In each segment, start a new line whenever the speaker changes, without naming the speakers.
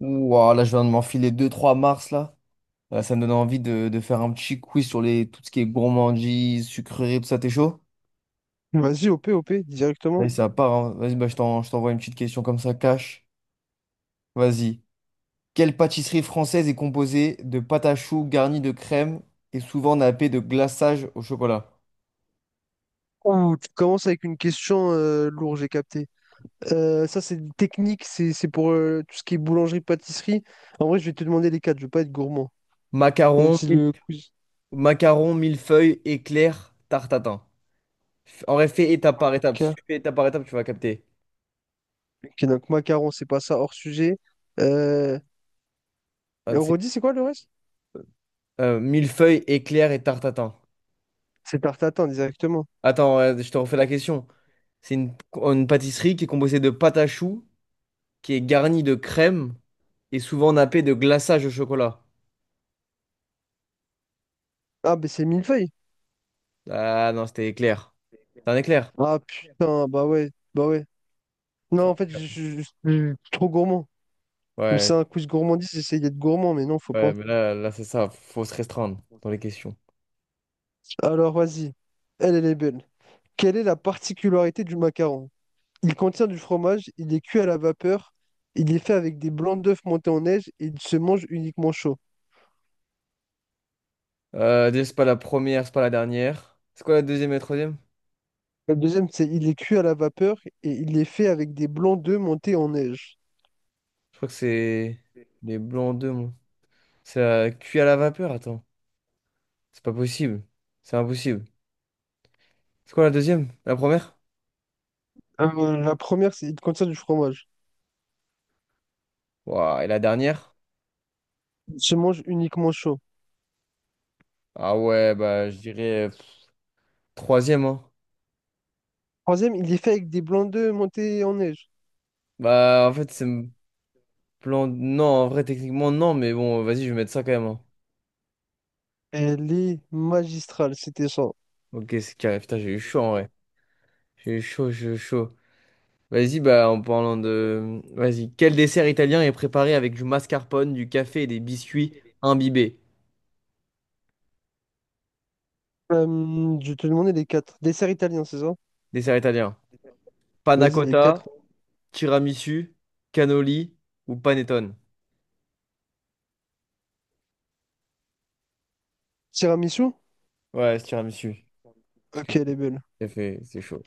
Ouah, là, je viens de m'enfiler deux trois mars, là. Ça me donne envie de faire un petit quiz sur tout ce qui est gourmandise, sucrerie, tout ça, t'es chaud?
Vas-y, OP, OP, directement.
Vas-y, ça part, hein. Vas-y, bah, je t'envoie une petite question comme ça, cash. Vas-y. Quelle pâtisserie française est composée de pâte à choux garnie de crème et souvent nappée de glaçage au chocolat?
Ouh, tu commences avec une question lourde, j'ai capté. Ça, c'est une technique, c'est pour tout ce qui est boulangerie, pâtisserie. En vrai, je vais te demander les quatre, je veux pas être gourmand. Même
Macaron,
si
mille-
le quiz.
Macaron, millefeuille, éclair, tarte à tatin. En vrai, fais étape par étape. Si
Ok,
tu fais étape par étape, tu vas capter.
ok, donc macaron, c'est pas ça, hors sujet. Euh...
Ah,
et
tu
on
sais,
redit, c'est quoi le reste?
millefeuille, éclair et tarte à tatin.
C'est tarte tatin, directement.
Attends, je te refais la question. C'est une pâtisserie qui est composée de pâte à choux, qui est garnie de crème et souvent nappée de glaçage au chocolat.
Ah, ben c'est millefeuille.
Ah non, c'était éclair. C'est un éclair?
Ah putain, bah ouais, bah ouais. Non, en fait, je suis trop gourmand. Mais
Ouais,
c'est un quiz gourmandise, j'essaye d'être gourmand, mais non, faut
ouais,
pas.
mais là, là c'est ça, faut se restreindre dans les questions.
Alors, vas-y. Elle, elle est belle. Quelle est la particularité du macaron? Il contient du fromage, il est cuit à la vapeur, il est fait avec des blancs d'œufs montés en neige et il se mange uniquement chaud.
Déjà, c'est pas la première, c'est pas la dernière. C'est quoi la deuxième et la troisième?
Le deuxième, c'est il est cuit à la vapeur et il est fait avec des blancs d'œufs montés en neige.
Je crois que c'est les blancs d'œufs, moi. C'est cuit à la vapeur, attends. C'est pas possible. C'est impossible. C'est quoi la deuxième? La première?
La première, c'est il contient du fromage.
Ouah, et la dernière?
Il se mange uniquement chaud.
Ah ouais, bah je dirais troisième, hein.
Troisième, il est fait avec des blancs d'œufs montés en neige.
Bah en fait, c'est me plan. Non, en vrai, techniquement, non, mais bon, vas-y, je vais mettre ça quand même, hein.
Elle est magistrale, c'était ça.
Ok, c'est carré. Putain, j'ai eu chaud en vrai. J'ai eu chaud, j'ai eu chaud. Vas-y, bah en parlant de. Vas-y. Quel dessert italien est préparé avec du mascarpone, du café et des biscuits imbibés?
Euh, je te demandais les quatre. Dessert italien, c'est ça?
Dessert italien. Panna
Vas-y, les quatre.
cotta, tiramisu, cannoli ou panettone?
Tiramisu?
Ouais, c'est tiramisu. Parce que
Ok, elle
le
est belle.
café, c'est chaud.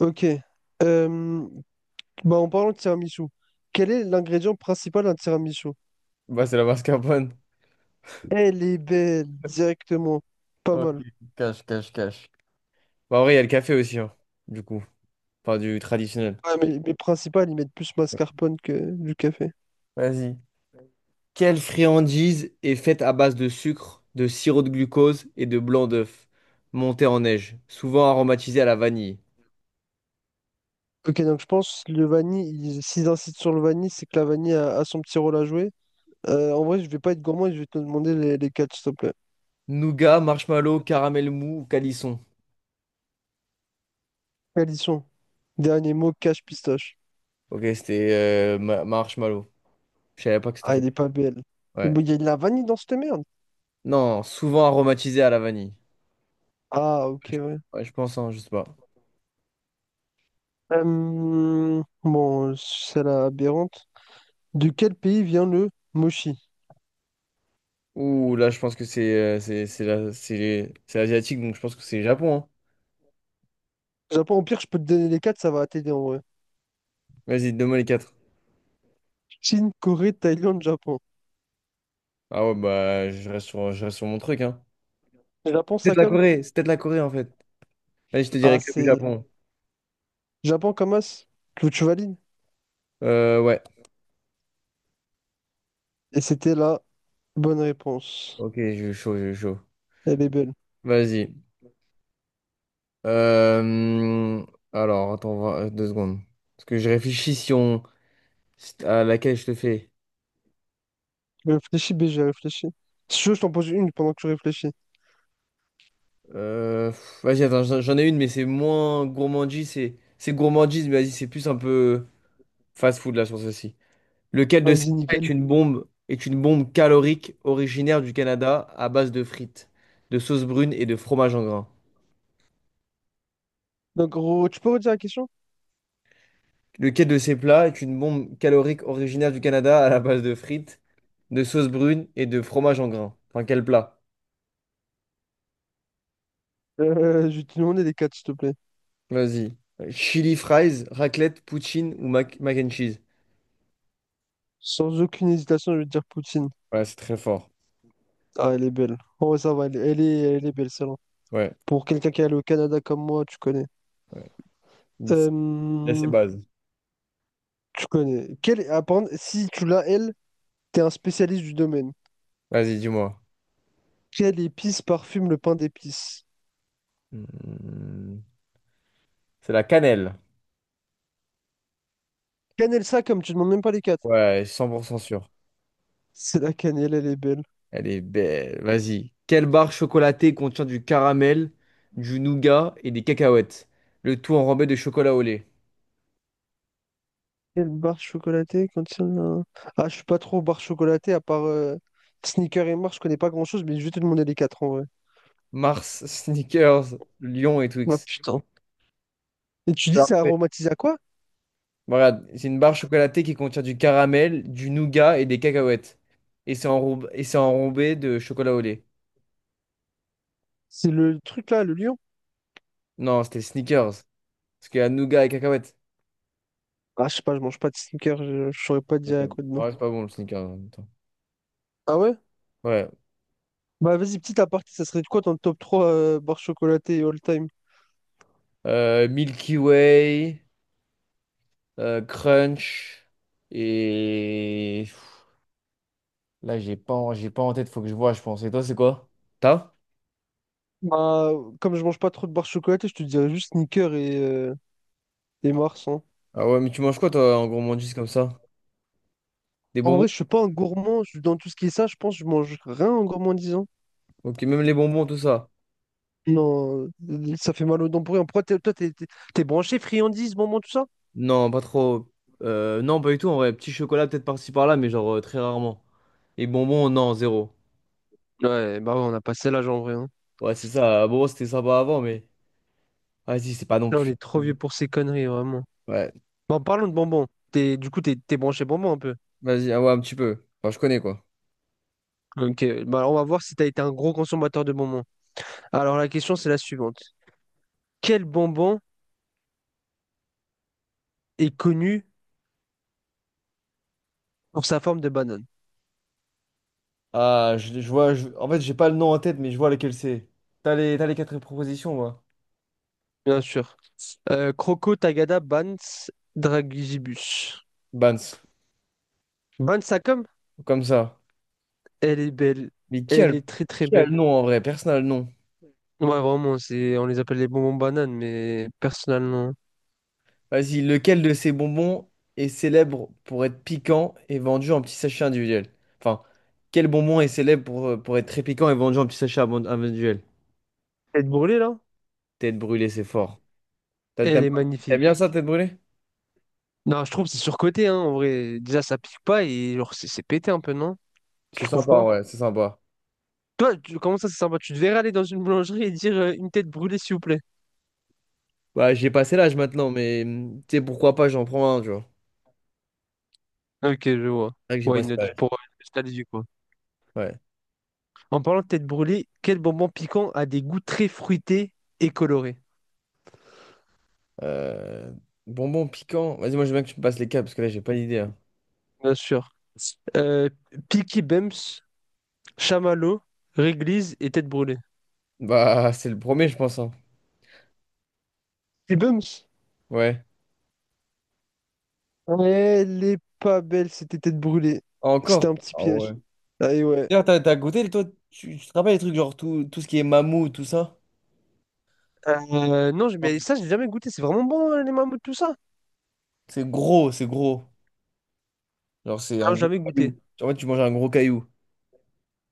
Ok. Euh, Bah, en parlant de tiramisu, quel est l'ingrédient principal d'un tiramisu?
Bah, c'est la mascarpone.
Elle est belle, directement. Pas
Ok,
mal.
cache, cache, cache. Bah, en vrai, il y a le café aussi, hein, du coup. Enfin, du traditionnel.
Ouais, mais principal, ils mettent plus mascarpone que du café.
Vas-y. Quelle friandise est faite à base de sucre, de sirop de glucose et de blanc d'œuf, monté en neige, souvent aromatisé à la vanille?
Ok, donc je pense le vanille, ils- s'ils insistent sur le vanille, c'est que la vanille a son petit rôle à jouer. En vrai, je vais pas être gourmand, et je vais te demander les quatre, s'il te plaît.
Nougat, marshmallow, caramel mou ou calisson?
Quels ils sont? Dernier mot, cache pistache.
Ok, c'était marshmallow. Je savais pas que c'était
Ah, elle
fait.
est pas belle. Mais
Ouais.
il y a de la vanille dans cette merde.
Non, souvent aromatisé à la vanille.
Ah, ok, ouais.
Ouais, je pense, hein, je sais pas.
Bon, c'est la aberrante. De quel pays vient le mochi?
Ouh, là, je pense que c'est c'est asiatique, donc je pense que c'est Japon, hein.
Japon, au pire, je peux te donner les quatre, ça va t'aider en vrai.
Vas-y, donne-moi les quatre.
Chine, Corée, Thaïlande, Japon.
Ah ouais, bah, je reste sur mon truc, hein.
Japon,
C'est peut-être
ça
la
comme?
Corée, c'est peut-être la Corée en fait. Allez, je te dirais
Ah,
que le
c'est
Japon.
Japon comme as. Que tu valides?
Ouais.
Et c'était la bonne réponse.
Ok, je suis chaud, je suis chaud.
Elle est belle.
Vas-y. Euh, Alors, attends, 2 secondes. Parce que je réfléchis si on... si- à laquelle je te fais.
Réfléchis, BG, réfléchi. Si tu veux, je t'en pose une pendant que tu réfléchis.
Vas-y, attends, j'en ai une, mais c'est moins gourmandise. C'est gourmandise, mais vas-y, c'est plus un peu fast-food là sur ceci. Lequel de ces
Vas-y,
plats
nickel.
est une bombe calorique originaire du Canada à base de frites, de sauce brune et de fromage en grains?
Donc, gros, tu peux redire la question?
Lequel de ces plats est une bombe calorique originaire du Canada à la base de frites, de sauce brune et de fromage en grains? Enfin, quel plat?
Je vais te demander les quatre, s'il te plaît.
Vas-y. Chili fries, raclette, poutine ou mac and cheese?
Sans aucune hésitation, je vais te dire Poutine.
Ouais, c'est très fort.
Ah, elle est belle. Oh, ça va, elle, elle est belle, celle-là.
Ouais,
Pour quelqu'un qui est allé au Canada comme moi, tu connais.
ouais. Il il a ses
Euh,
bases.
Tu connais. Quelle... apparemment, si tu l'as, elle, t'es un spécialiste du domaine.
Vas-y, dis-moi.
Quelle épice parfume le pain d'épices?
Hmm, C'est la cannelle.
Cannelle ça comme tu demandes même pas les quatre.
Ouais, 100% sûr.
C'est la cannelle, elle est belle.
Elle est belle. Vas-y. Quelle barre chocolatée contient du caramel, du nougat et des cacahuètes? Le tout enrobé de chocolat au lait.
Quelle barre chocolatée contient un... Ah, je suis pas trop barre chocolatée, à part Sneaker et Mars, je connais pas grand-chose, mais je vais te demander les quatre en vrai.
Mars, Snickers, Lion et
Ah
Twix.
putain. Et
Je
tu
te
dis,
la
c'est
refaire.
aromatisé à quoi?
Voilà, c'est une barre chocolatée qui contient du caramel, du nougat et des cacahuètes. Et c'est enrobé de chocolat au lait.
C'est le truc là, le lion?
Non, c'était Snickers. Parce qu'il y a nougat et cacahuètes.
Ah, je sais pas, je mange pas de Sneaker, je saurais pas te
Ok.
dire à quoi de nom.
Ouais, c'est pas bon le Snickers en même temps.
Ah ouais?
Ouais.
Bah vas-y, petit aparté, ça serait de quoi ton top 3 barres chocolatées all time?
Milky Way, Crunch et... Là, j'ai pas en tête, faut que je vois, je pense. Et toi, c'est quoi? T'as?
Bah, comme je mange pas trop de barres chocolatées, je te dirais juste Snickers et Mars, hein.
Ah ouais, mais tu manges quoi, toi, en gourmandise comme ça? Des
En
bonbons?
vrai, je suis pas un gourmand. Je- dans tout ce qui est ça, je pense que je mange rien en gourmandisant.
Ok, même les bonbons, tout ça.
Non, ça fait mal aux dents pour rien. Pourquoi t'es- toi, t'es branché friandises, bonbons, tout ça?
Non, pas trop. Non, pas du tout, en vrai. Petit chocolat, peut-être par-ci par-là, mais genre très rarement. Et bonbons, non, zéro.
Ouais, bah ouais, on a passé l'âge en vrai, hein.
Ouais, c'est ça. Bon c'était sympa avant, mais. Vas-y, c'est pas non
Là, on
plus.
est trop vieux pour ces conneries, vraiment.
Ouais.
Bon, parlons de bonbons. T'es, du coup, t'es branché bonbons un peu.
Vas-y, ah ouais, un petit peu. Enfin, je connais, quoi.
Ok, bah on va voir si t'as été un gros consommateur de bonbons. Alors, la question, c'est la suivante. Quel bonbon est connu pour sa forme de banane?
Ah, je vois, en fait, j'ai pas le nom en tête, mais je vois lequel c'est. T'as t'as les quatre propositions, moi.
Bien sûr. Croco, Tagada, Bans, Dragibus.
Bans,
Bans, ça comme?
comme ça.
Elle est belle.
Mais
Elle est très très
qui a le
belle.
nom en vrai? Personne n'a le nom.
Ouais, vraiment, c'est... on les appelle les bonbons bananes, mais personnellement.
Vas-y, lequel de ces bonbons est célèbre pour être piquant et vendu en petits sachets individuels? Enfin, quel bonbon est célèbre pour être très piquant et vendu en petits sachets individuels?
Elle est brûlée là?
Tête brûlée, c'est fort.
Elle
T'aimes
est
t'aimes bien
magnifique.
ça, tête brûlée?
Non, je trouve que c'est surcoté, hein, en vrai. Déjà, ça pique pas et genre, c'est pété un peu, non? Tu
C'est
trouves
sympa,
pas?
ouais, c'est sympa.
Toi, tu- comment ça, c'est sympa? Tu devrais aller dans une boulangerie et dire une tête brûlée, s'il vous plaît.
Bah, j'ai passé l'âge maintenant, mais tu sais, pourquoi pas, j'en prends un, tu vois.
Ok, je vois.
C'est vrai que j'ai
Why
passé
not?
l'âge.
Pour nostalgie, quoi.
Ouais.
En parlant de tête brûlée, quel bonbon piquant a des goûts très fruités et colorés?
Euh, Bonbon piquant. Vas-y, moi, je veux bien que tu me passes les cas, parce que là, j'ai pas d'idée, hein.
Bien sûr. Euh, Peaky Bums, Chamallow, Réglise et Tête Brûlée.
Bah, c'est le premier, je pense, hein.
Peaky Bums?
Ouais.
Elle est pas belle, c'était Tête Brûlée. C'était
Encore?
un petit
Ah ouais.
piège. Ah et ouais.
D'ailleurs, t'as goûté, toi, tu te rappelles les trucs, genre tout ce qui est mammouth, tout ça?
Non, j'ai-
Ouais.
mais ça, j'ai jamais goûté. C'est vraiment bon, les mammouths, tout ça?
C'est gros, c'est gros. Genre, c'est un
Non, j'ai
gros
jamais goûté.
caillou. Genre, en fait, tu manges un gros caillou.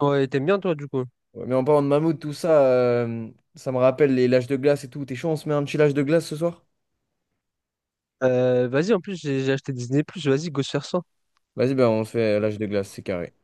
Ouais, t'aimes bien, toi, du coup.
Ouais, mais en parlant de mammouth, tout ça, ça me rappelle les lâches de glace et tout. T'es chaud, on se met un petit lâche de glace ce soir?
Vas-y, en plus, j'ai acheté Disney+, vas-y, go se faire ça.
Vas-y, ben, on se fait lâche de glace, c'est carré.